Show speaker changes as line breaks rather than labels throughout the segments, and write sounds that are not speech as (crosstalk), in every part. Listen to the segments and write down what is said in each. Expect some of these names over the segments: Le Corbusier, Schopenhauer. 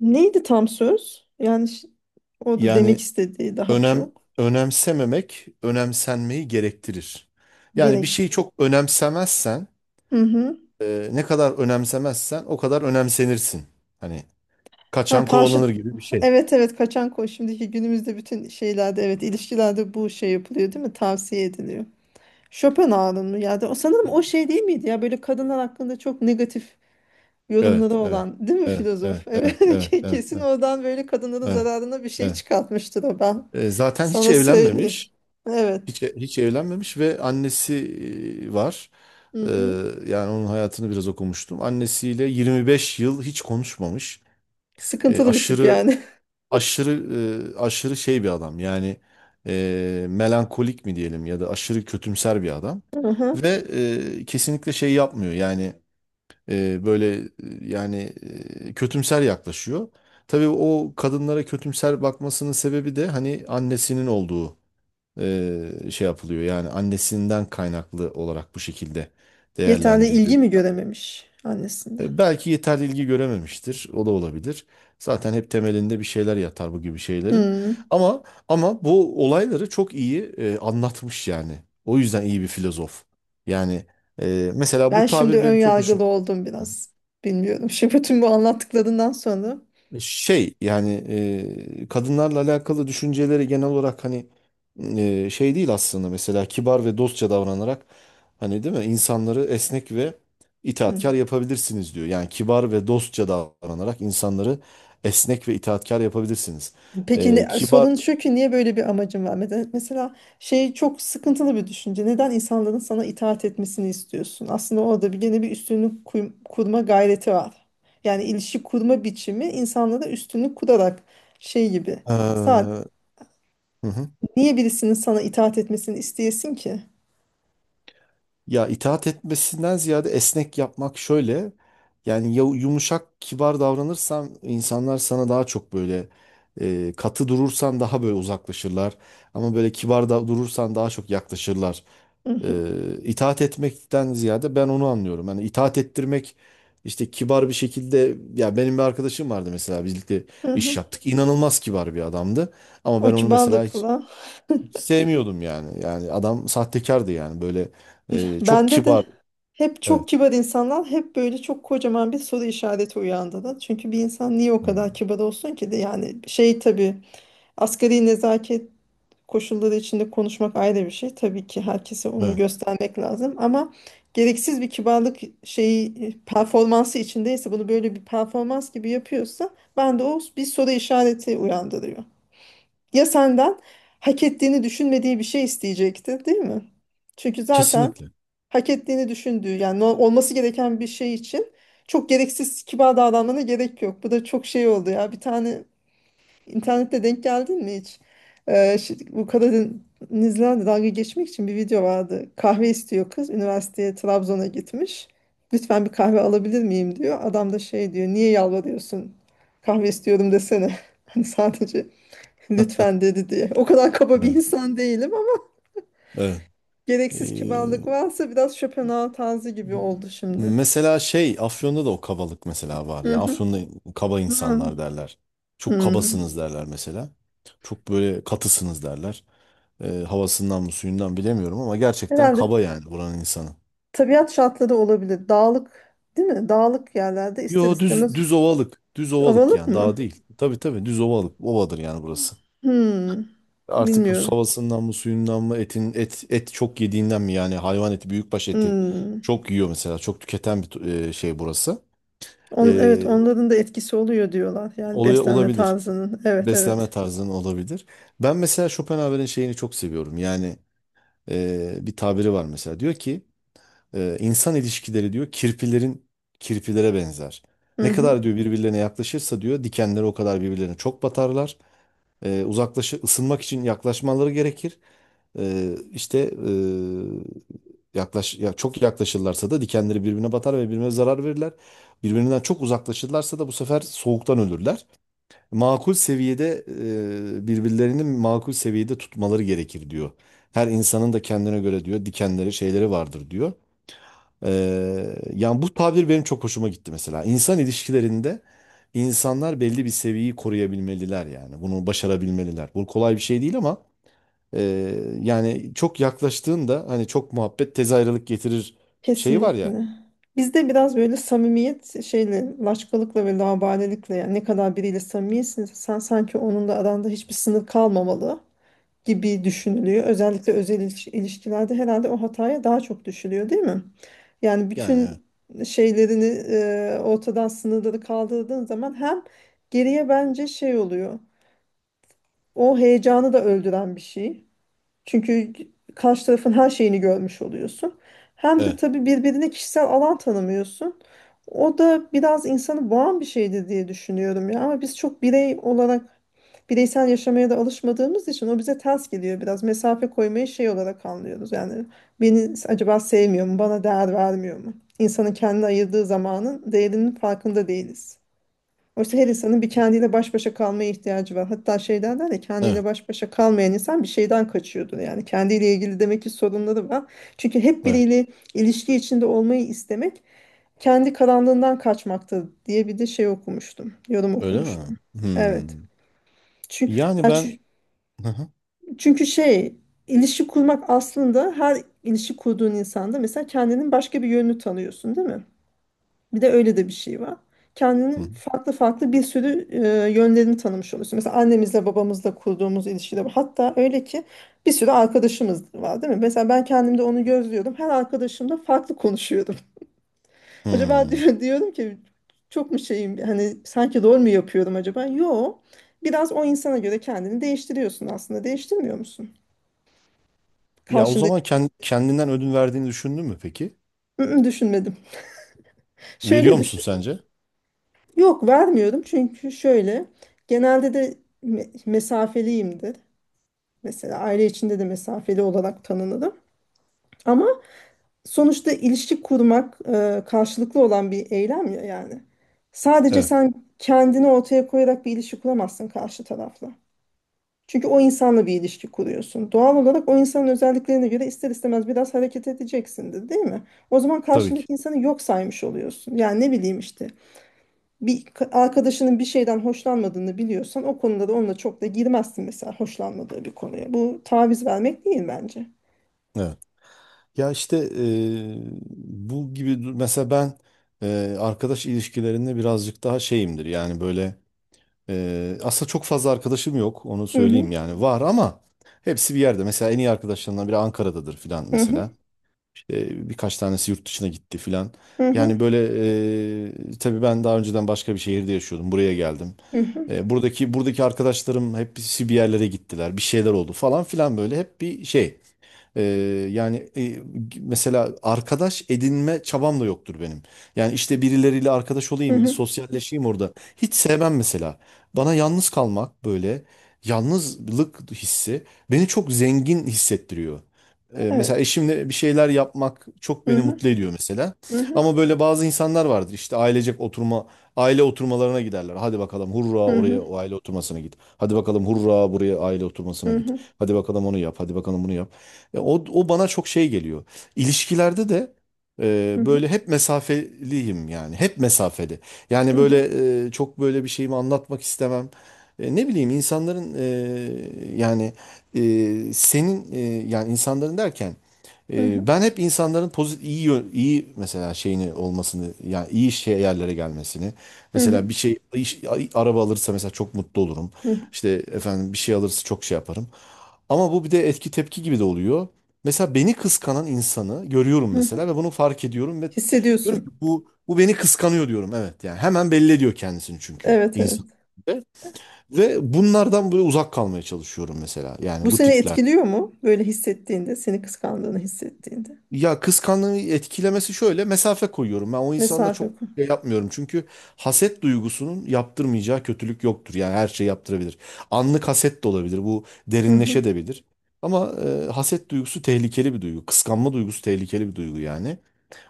Neydi tam söz? Yani o da demek
Yani
istediği daha
önem
çok.
önemsememek önemsenmeyi gerektirir. Yani bir
Gerekti.
şeyi çok önemsemezsen,
Hı hı.
ne kadar önemsemezsen o kadar önemsenirsin. Hani
Ha,
kaçan
karşı
kovalanır gibi bir şey.
evet evet kaçan koş. Şimdiki günümüzde bütün şeylerde evet ilişkilerde bu şey yapılıyor değil mi? Tavsiye ediliyor. Schopenhauer'ın mı ya? O sanırım o şey değil miydi ya? Böyle kadınlar hakkında çok negatif yorumları
Evet, evet,
olan değil mi
evet,
filozof?
evet, evet,
Evet (laughs)
evet, evet, evet,
kesin oradan böyle kadınların
evet,
zararına bir şey
evet.
çıkartmıştır o ben.
Zaten hiç
Sana söyleyeyim.
evlenmemiş,
Evet.
hiç evlenmemiş ve annesi var.
Hı
E,
hı.
yani onun hayatını biraz okumuştum. Annesiyle 25 yıl hiç konuşmamış. E,
Sıkıntılı bir tip
aşırı
yani.
aşırı aşırı şey bir adam yani melankolik mi diyelim ya da aşırı kötümser bir adam
(laughs) Hı
ve
hı.
kesinlikle şey yapmıyor yani böyle yani kötümser yaklaşıyor. Tabii o kadınlara kötümser bakmasının sebebi de hani annesinin olduğu şey yapılıyor yani annesinden kaynaklı olarak bu şekilde
Yeterli
değerlendiriliyor.
ilgi mi görememiş annesinden?
Belki yeterli ilgi görememiştir. O da olabilir. Zaten hep temelinde bir şeyler yatar bu gibi şeylerin.
Hmm.
Ama ama bu olayları çok iyi anlatmış yani. O yüzden iyi bir filozof. Yani mesela
Ben
bu
şimdi
tabir
ön
benim çok
yargılı
hoşum.
oldum biraz. Bilmiyorum. (laughs) Şimdi bütün bu anlattıklarından sonra.
Şey yani kadınlarla alakalı düşünceleri genel olarak hani şey değil aslında mesela kibar ve dostça davranarak hani değil mi insanları esnek ve itaatkar
Hmm.
yapabilirsiniz diyor. Yani kibar ve dostça davranarak insanları esnek ve itaatkar yapabilirsiniz.
Peki
E,
ne,
kibar
sorun şu ki niye böyle bir amacın var? Mesela şey çok sıkıntılı bir düşünce. Neden insanların sana itaat etmesini istiyorsun? Aslında orada bir gene bir üstünlük kurma gayreti var. Yani ilişki kurma biçimi insanlara üstünlük kurarak şey gibi.
e,
Sadece
hı hı.
niye birisinin sana itaat etmesini isteyesin ki?
Ya itaat etmesinden ziyade esnek yapmak şöyle. Yani yumuşak, kibar davranırsan insanlar sana daha çok böyle katı durursan daha böyle uzaklaşırlar. Ama böyle kibar da durursan daha çok yaklaşırlar.
Hı hı.
E, itaat etmekten ziyade ben onu anlıyorum. Yani itaat ettirmek işte kibar bir şekilde ya benim bir arkadaşım vardı mesela birlikte
Hı
iş
hı.
yaptık. İnanılmaz kibar bir adamdı. Ama
O
ben onu mesela hiç
kibarlıkla.
sevmiyordum yani. Yani adam sahtekardı yani böyle çok
Bende de
kibar.
hep
Evet.
çok kibar insanlar hep böyle çok kocaman bir soru işareti uyandırır. Çünkü bir insan niye o
Hmm.
kadar kibar olsun ki de yani şey tabii asgari nezaket koşulları içinde konuşmak ayrı bir şey. Tabii ki herkese onu
Evet.
göstermek lazım ama gereksiz bir kibarlık şeyi performansı içindeyse bunu böyle bir performans gibi yapıyorsa ben de o bir soru işareti uyandırıyor. Ya senden hak ettiğini düşünmediği bir şey isteyecekti, değil mi? Çünkü zaten
Kesinlikle.
hak ettiğini düşündüğü yani olması gereken bir şey için çok gereksiz kibar davranmana gerek yok. Bu da çok şey oldu ya. Bir tane internette denk geldin mi hiç? Ee, bu Karadenizlerle dalga geçmek için bir video vardı. Kahve istiyor kız. Üniversiteye Trabzon'a gitmiş. Lütfen bir kahve alabilir miyim diyor. Adam da şey diyor. Niye yalvarıyorsun? Kahve istiyorum desene. (laughs) Hani sadece lütfen dedi diye. O kadar kaba bir
Evet.
insan değilim ama (laughs)
Evet.
gereksiz kibarlık
Ee,
varsa biraz Schopenhauer tarzı gibi oldu şimdi.
mesela şey Afyon'da da o kabalık mesela var
Hı
ya.
hı.
Afyon'da kaba
Hı.
insanlar derler. Çok
Hı.
kabasınız derler mesela. Çok böyle katısınız derler. Havasından mı suyundan bilemiyorum ama gerçekten
Herhalde
kaba yani buranın insanı.
tabiat şartları olabilir. Dağlık, değil mi? Dağlık yerlerde ister
Yo, düz
istemez
düz ovalık. Düz ovalık
ovalık
yani
mı?
daha değil. Tabii tabii düz ovalık. Ovadır yani burası.
Hı.
Artık bu
Bilmiyorum.
havasından mı suyundan mı etin et et çok yediğinden mi yani hayvan eti büyükbaş eti
Hı.
çok yiyor mesela çok tüketen bir şey burası.
Evet
E,
onların da etkisi oluyor diyorlar. Yani
olay
beslenme
olabilir.
tarzının. Evet,
Beslenme
evet.
tarzının olabilir. Ben mesela Schopenhauer'in şeyini çok seviyorum. Yani bir tabiri var mesela diyor ki insan ilişkileri diyor kirpilerin kirpilere benzer.
Hı
Ne
hı.
kadar diyor birbirlerine yaklaşırsa diyor dikenleri o kadar birbirlerine çok batarlar. E, uzaklaşı ısınmak için yaklaşmaları gerekir. E, işte e, yaklaş ya çok yaklaşırlarsa da dikenleri birbirine batar ve birbirine zarar verirler. Birbirinden çok uzaklaşırlarsa da bu sefer soğuktan ölürler. Makul seviyede Birbirlerini makul seviyede tutmaları gerekir diyor. Her insanın da kendine göre diyor dikenleri şeyleri vardır diyor. Yani bu tabir benim çok hoşuma gitti mesela. İnsan ilişkilerinde insanlar belli bir seviyeyi koruyabilmeliler yani. Bunu başarabilmeliler. Bu kolay bir şey değil ama e, yani çok yaklaştığında hani çok muhabbet tez ayrılık getirir şeyi var ya.
Kesinlikle. Bizde biraz böyle samimiyet şeyle, laçkalıkla ve laubalilikle yani ne kadar biriyle samimiyesin sen sanki onun da aranda hiçbir sınır kalmamalı gibi düşünülüyor. Özellikle özel ilişkilerde herhalde o hataya daha çok düşülüyor değil mi? Yani
Yani
bütün şeylerini ortadan sınırları kaldırdığın zaman hem geriye bence şey oluyor. O heyecanı da öldüren bir şey. Çünkü karşı tarafın her şeyini görmüş oluyorsun. Hem de
evet,
tabii birbirine kişisel alan tanımıyorsun. O da biraz insanı boğan bir şeydir diye düşünüyorum ya. Ama biz çok birey olarak bireysel yaşamaya da alışmadığımız için o bize ters geliyor biraz. Mesafe koymayı şey olarak anlıyoruz. Yani beni acaba sevmiyor mu, bana değer vermiyor mu? İnsanın kendine ayırdığı zamanın değerinin farkında değiliz. Oysa her insanın bir kendiyle baş başa kalmaya ihtiyacı var. Hatta şey derler ya
evet,
kendiyle
evet,
baş başa kalmayan insan bir şeyden kaçıyordur. Yani kendiyle ilgili demek ki sorunları var. Çünkü hep
evet.
biriyle ilişki içinde olmayı istemek kendi karanlığından kaçmaktır diye bir de şey okumuştum. Yorum
Öyle mi?
okumuştum. Evet.
Hmm.
Çünkü,
Yani ben. Hı hı,
çünkü şey ilişki kurmak aslında her ilişki kurduğun insanda mesela kendinin başka bir yönünü tanıyorsun değil mi? Bir de öyle de bir şey var.
hı,
Kendinin farklı farklı bir sürü yönlerini tanımış oluyorsun. Mesela annemizle babamızla kurduğumuz ilişkide var. Hatta öyle ki bir sürü arkadaşımız var değil mi? Mesela ben kendimde onu gözlüyordum. Her arkadaşımla farklı konuşuyordum. (laughs) Acaba
hmm.
diyorum ki çok mu şeyim hani sanki rol mü yapıyorum acaba? Yo. Biraz o insana göre kendini değiştiriyorsun aslında. Değiştirmiyor musun?
Ya o
Karşında
zaman kendinden ödün verdiğini düşündün mü peki?
hı hı, düşünmedim.
Veriyor
Şöyle
musun
düşün.
sence?
Yok, vermiyorum çünkü şöyle. Genelde de mesafeliyimdir. Mesela aile içinde de mesafeli olarak tanınırım. Ama sonuçta ilişki kurmak karşılıklı olan bir eylem ya yani. Sadece
Evet,
sen kendini ortaya koyarak bir ilişki kuramazsın karşı tarafla. Çünkü o insanla bir ilişki kuruyorsun. Doğal olarak o insanın özelliklerine göre ister istemez biraz hareket edeceksindir, değil mi? O zaman
tabii ki.
karşındaki insanı yok saymış oluyorsun. Yani ne bileyim işte bir arkadaşının bir şeyden hoşlanmadığını biliyorsan o konuda da onunla çok da girmezsin mesela hoşlanmadığı bir konuya. Bu taviz vermek değil bence.
Evet. Ya işte bu gibi mesela ben, arkadaş ilişkilerinde birazcık daha şeyimdir yani böyle aslında çok fazla arkadaşım yok, onu
Hı hı,
söyleyeyim yani var ama hepsi bir yerde mesela en iyi arkadaşlarımdan biri Ankara'dadır filan
hı hı,
mesela. İşte birkaç tanesi yurt dışına gitti filan
hı hı,
yani böyle tabii ben daha önceden başka bir şehirde yaşıyordum, buraya geldim.
hı hı,
Buradaki arkadaşlarım hepsi bir yerlere gittiler, bir şeyler oldu falan filan, böyle hep bir şey. Ee, yani mesela arkadaş edinme çabam da yoktur benim. Yani işte birileriyle arkadaş
hı
olayım, bir
hı.
sosyalleşeyim orada. Hiç sevmem mesela. Bana yalnız kalmak böyle yalnızlık hissi beni çok zengin hissettiriyor. Mesela
Evet.
eşimle bir şeyler yapmak çok
Hı
beni
hı,
mutlu ediyor mesela.
hı hı,
Ama böyle bazı insanlar vardır işte aile oturmalarına giderler. Hadi bakalım hurra
hı
oraya
hı,
o aile oturmasına git. Hadi bakalım hurra buraya aile oturmasına
hı
git.
hı,
Hadi bakalım onu yap. Hadi bakalım bunu yap. E, O, o bana çok şey geliyor. İlişkilerde de
hı hı,
böyle hep mesafeliyim yani. Hep mesafeli.
hı
Yani
hı,
böyle çok böyle bir şeyimi anlatmak istemem. Ne bileyim insanların yani senin yani insanların derken
hı hı,
ben hep insanların pozitif iyi iyi mesela şeyini olmasını yani iyi şey yerlere gelmesini
hı hı, hı
mesela bir şey araba alırsa mesela çok mutlu olurum.
hı,
İşte efendim bir şey alırsa çok şey yaparım. Ama bu bir de etki tepki gibi de oluyor. Mesela beni kıskanan insanı görüyorum
hı hı.
mesela ve bunu fark ediyorum ve diyorum ki
Hissediyorsun.
bu beni kıskanıyor diyorum. Evet yani hemen belli ediyor kendisini çünkü
Evet, evet.
insan. Ve ve bunlardan böyle uzak kalmaya çalışıyorum mesela.
Bu
Yani bu
seni
tipler.
etkiliyor mu? Böyle hissettiğinde, seni kıskandığını hissettiğinde.
Ya kıskançlığı etkilemesi şöyle mesafe koyuyorum. Ben o insanla çok
Mesafe koy.
şey yapmıyorum. Çünkü haset duygusunun yaptırmayacağı kötülük yoktur. Yani her şey yaptırabilir. Anlık haset de olabilir. Bu
Hı hı,
derinleşebilir. Ama haset duygusu tehlikeli bir duygu. Kıskanma duygusu tehlikeli bir duygu yani.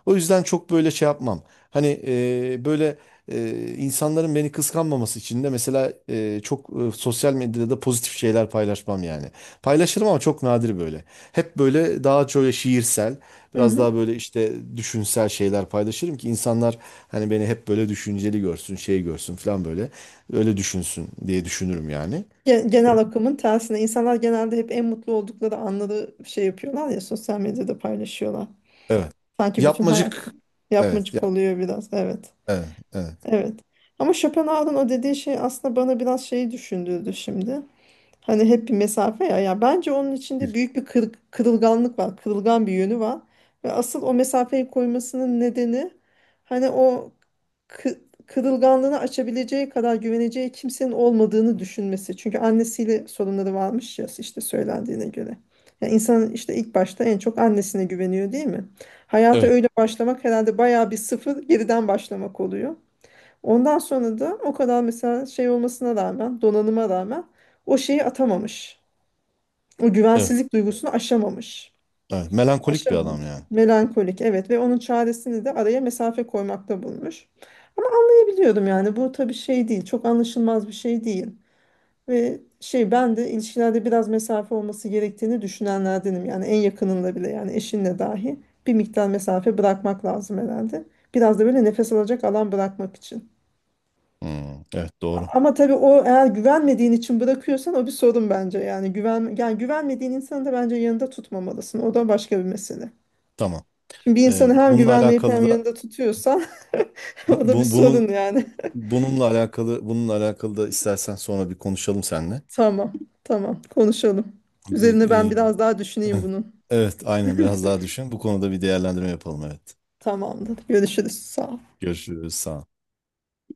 O yüzden çok böyle şey yapmam. Hani böyle insanların beni kıskanmaması için de mesela çok sosyal medyada da pozitif şeyler paylaşmam yani. Paylaşırım ama çok nadir böyle. Hep böyle daha şöyle şiirsel,
hı
biraz
hı.
daha böyle işte düşünsel şeyler paylaşırım ki insanlar hani beni hep böyle düşünceli görsün, şey görsün falan böyle. Öyle düşünsün diye düşünürüm yani.
Genel akımın tersine. İnsanlar genelde hep en mutlu oldukları anları şey yapıyorlar ya, sosyal medyada paylaşıyorlar.
Evet.
Sanki bütün hayat
Yapmacık. Evet.
yapmacık
Ya,
oluyor biraz. Evet.
evet. Evet.
Evet. Ama Schopenhauer'ın o dediği şey aslında bana biraz şeyi düşündürdü şimdi. Hani hep bir mesafe ya. Ya bence onun içinde
Evet.
büyük bir kırılganlık var. Kırılgan bir yönü var. Ve asıl o mesafeyi koymasının nedeni hani o kı- kırılganlığını açabileceği kadar güveneceği kimsenin olmadığını düşünmesi. Çünkü annesiyle sorunları varmış ya işte söylendiğine göre. Ya insan işte ilk başta en çok annesine güveniyor değil mi? Hayata
Evet.
öyle başlamak herhalde bayağı 1-0 geriden başlamak oluyor. Ondan sonra da o kadar mesela şey olmasına rağmen, donanıma rağmen o şeyi atamamış. O
Evet.
güvensizlik duygusunu aşamamış.
Evet. Melankolik bir
Aşamamış.
adam yani.
Melankolik, evet, ve onun çaresini de araya mesafe koymakta bulmuş. Ama anlayabiliyorum yani bu tabii şey değil, çok anlaşılmaz bir şey değil. Ve şey ben de ilişkilerde biraz mesafe olması gerektiğini düşünenlerdenim. Yani en yakınında bile yani eşinle dahi bir miktar mesafe bırakmak lazım herhalde. Biraz da böyle nefes alacak alan bırakmak için.
Hmm, evet doğru.
Ama tabii o eğer güvenmediğin için bırakıyorsan o bir sorun bence. Yani güven yani güvenmediğin insanı da bence yanında tutmamalısın. O da başka bir mesele.
Tamam.
Şimdi bir
Ee,
insanı hem
bununla
güvenmeyip hem
alakalı da
yanında tutuyorsan (laughs) o
bu,
da bir
bu-
sorun
bunun
yani.
bununla alakalı da istersen sonra bir konuşalım seninle.
(laughs) Tamam. Tamam. Konuşalım.
Bir,
Üzerine ben
e,
biraz daha
(clears throat)
düşüneyim bunun.
(laughs) evet aynen biraz daha düşün. Bu konuda bir değerlendirme yapalım evet.
Tamamdır. Görüşürüz. Sağ ol.
Görüşürüz, sağ ol.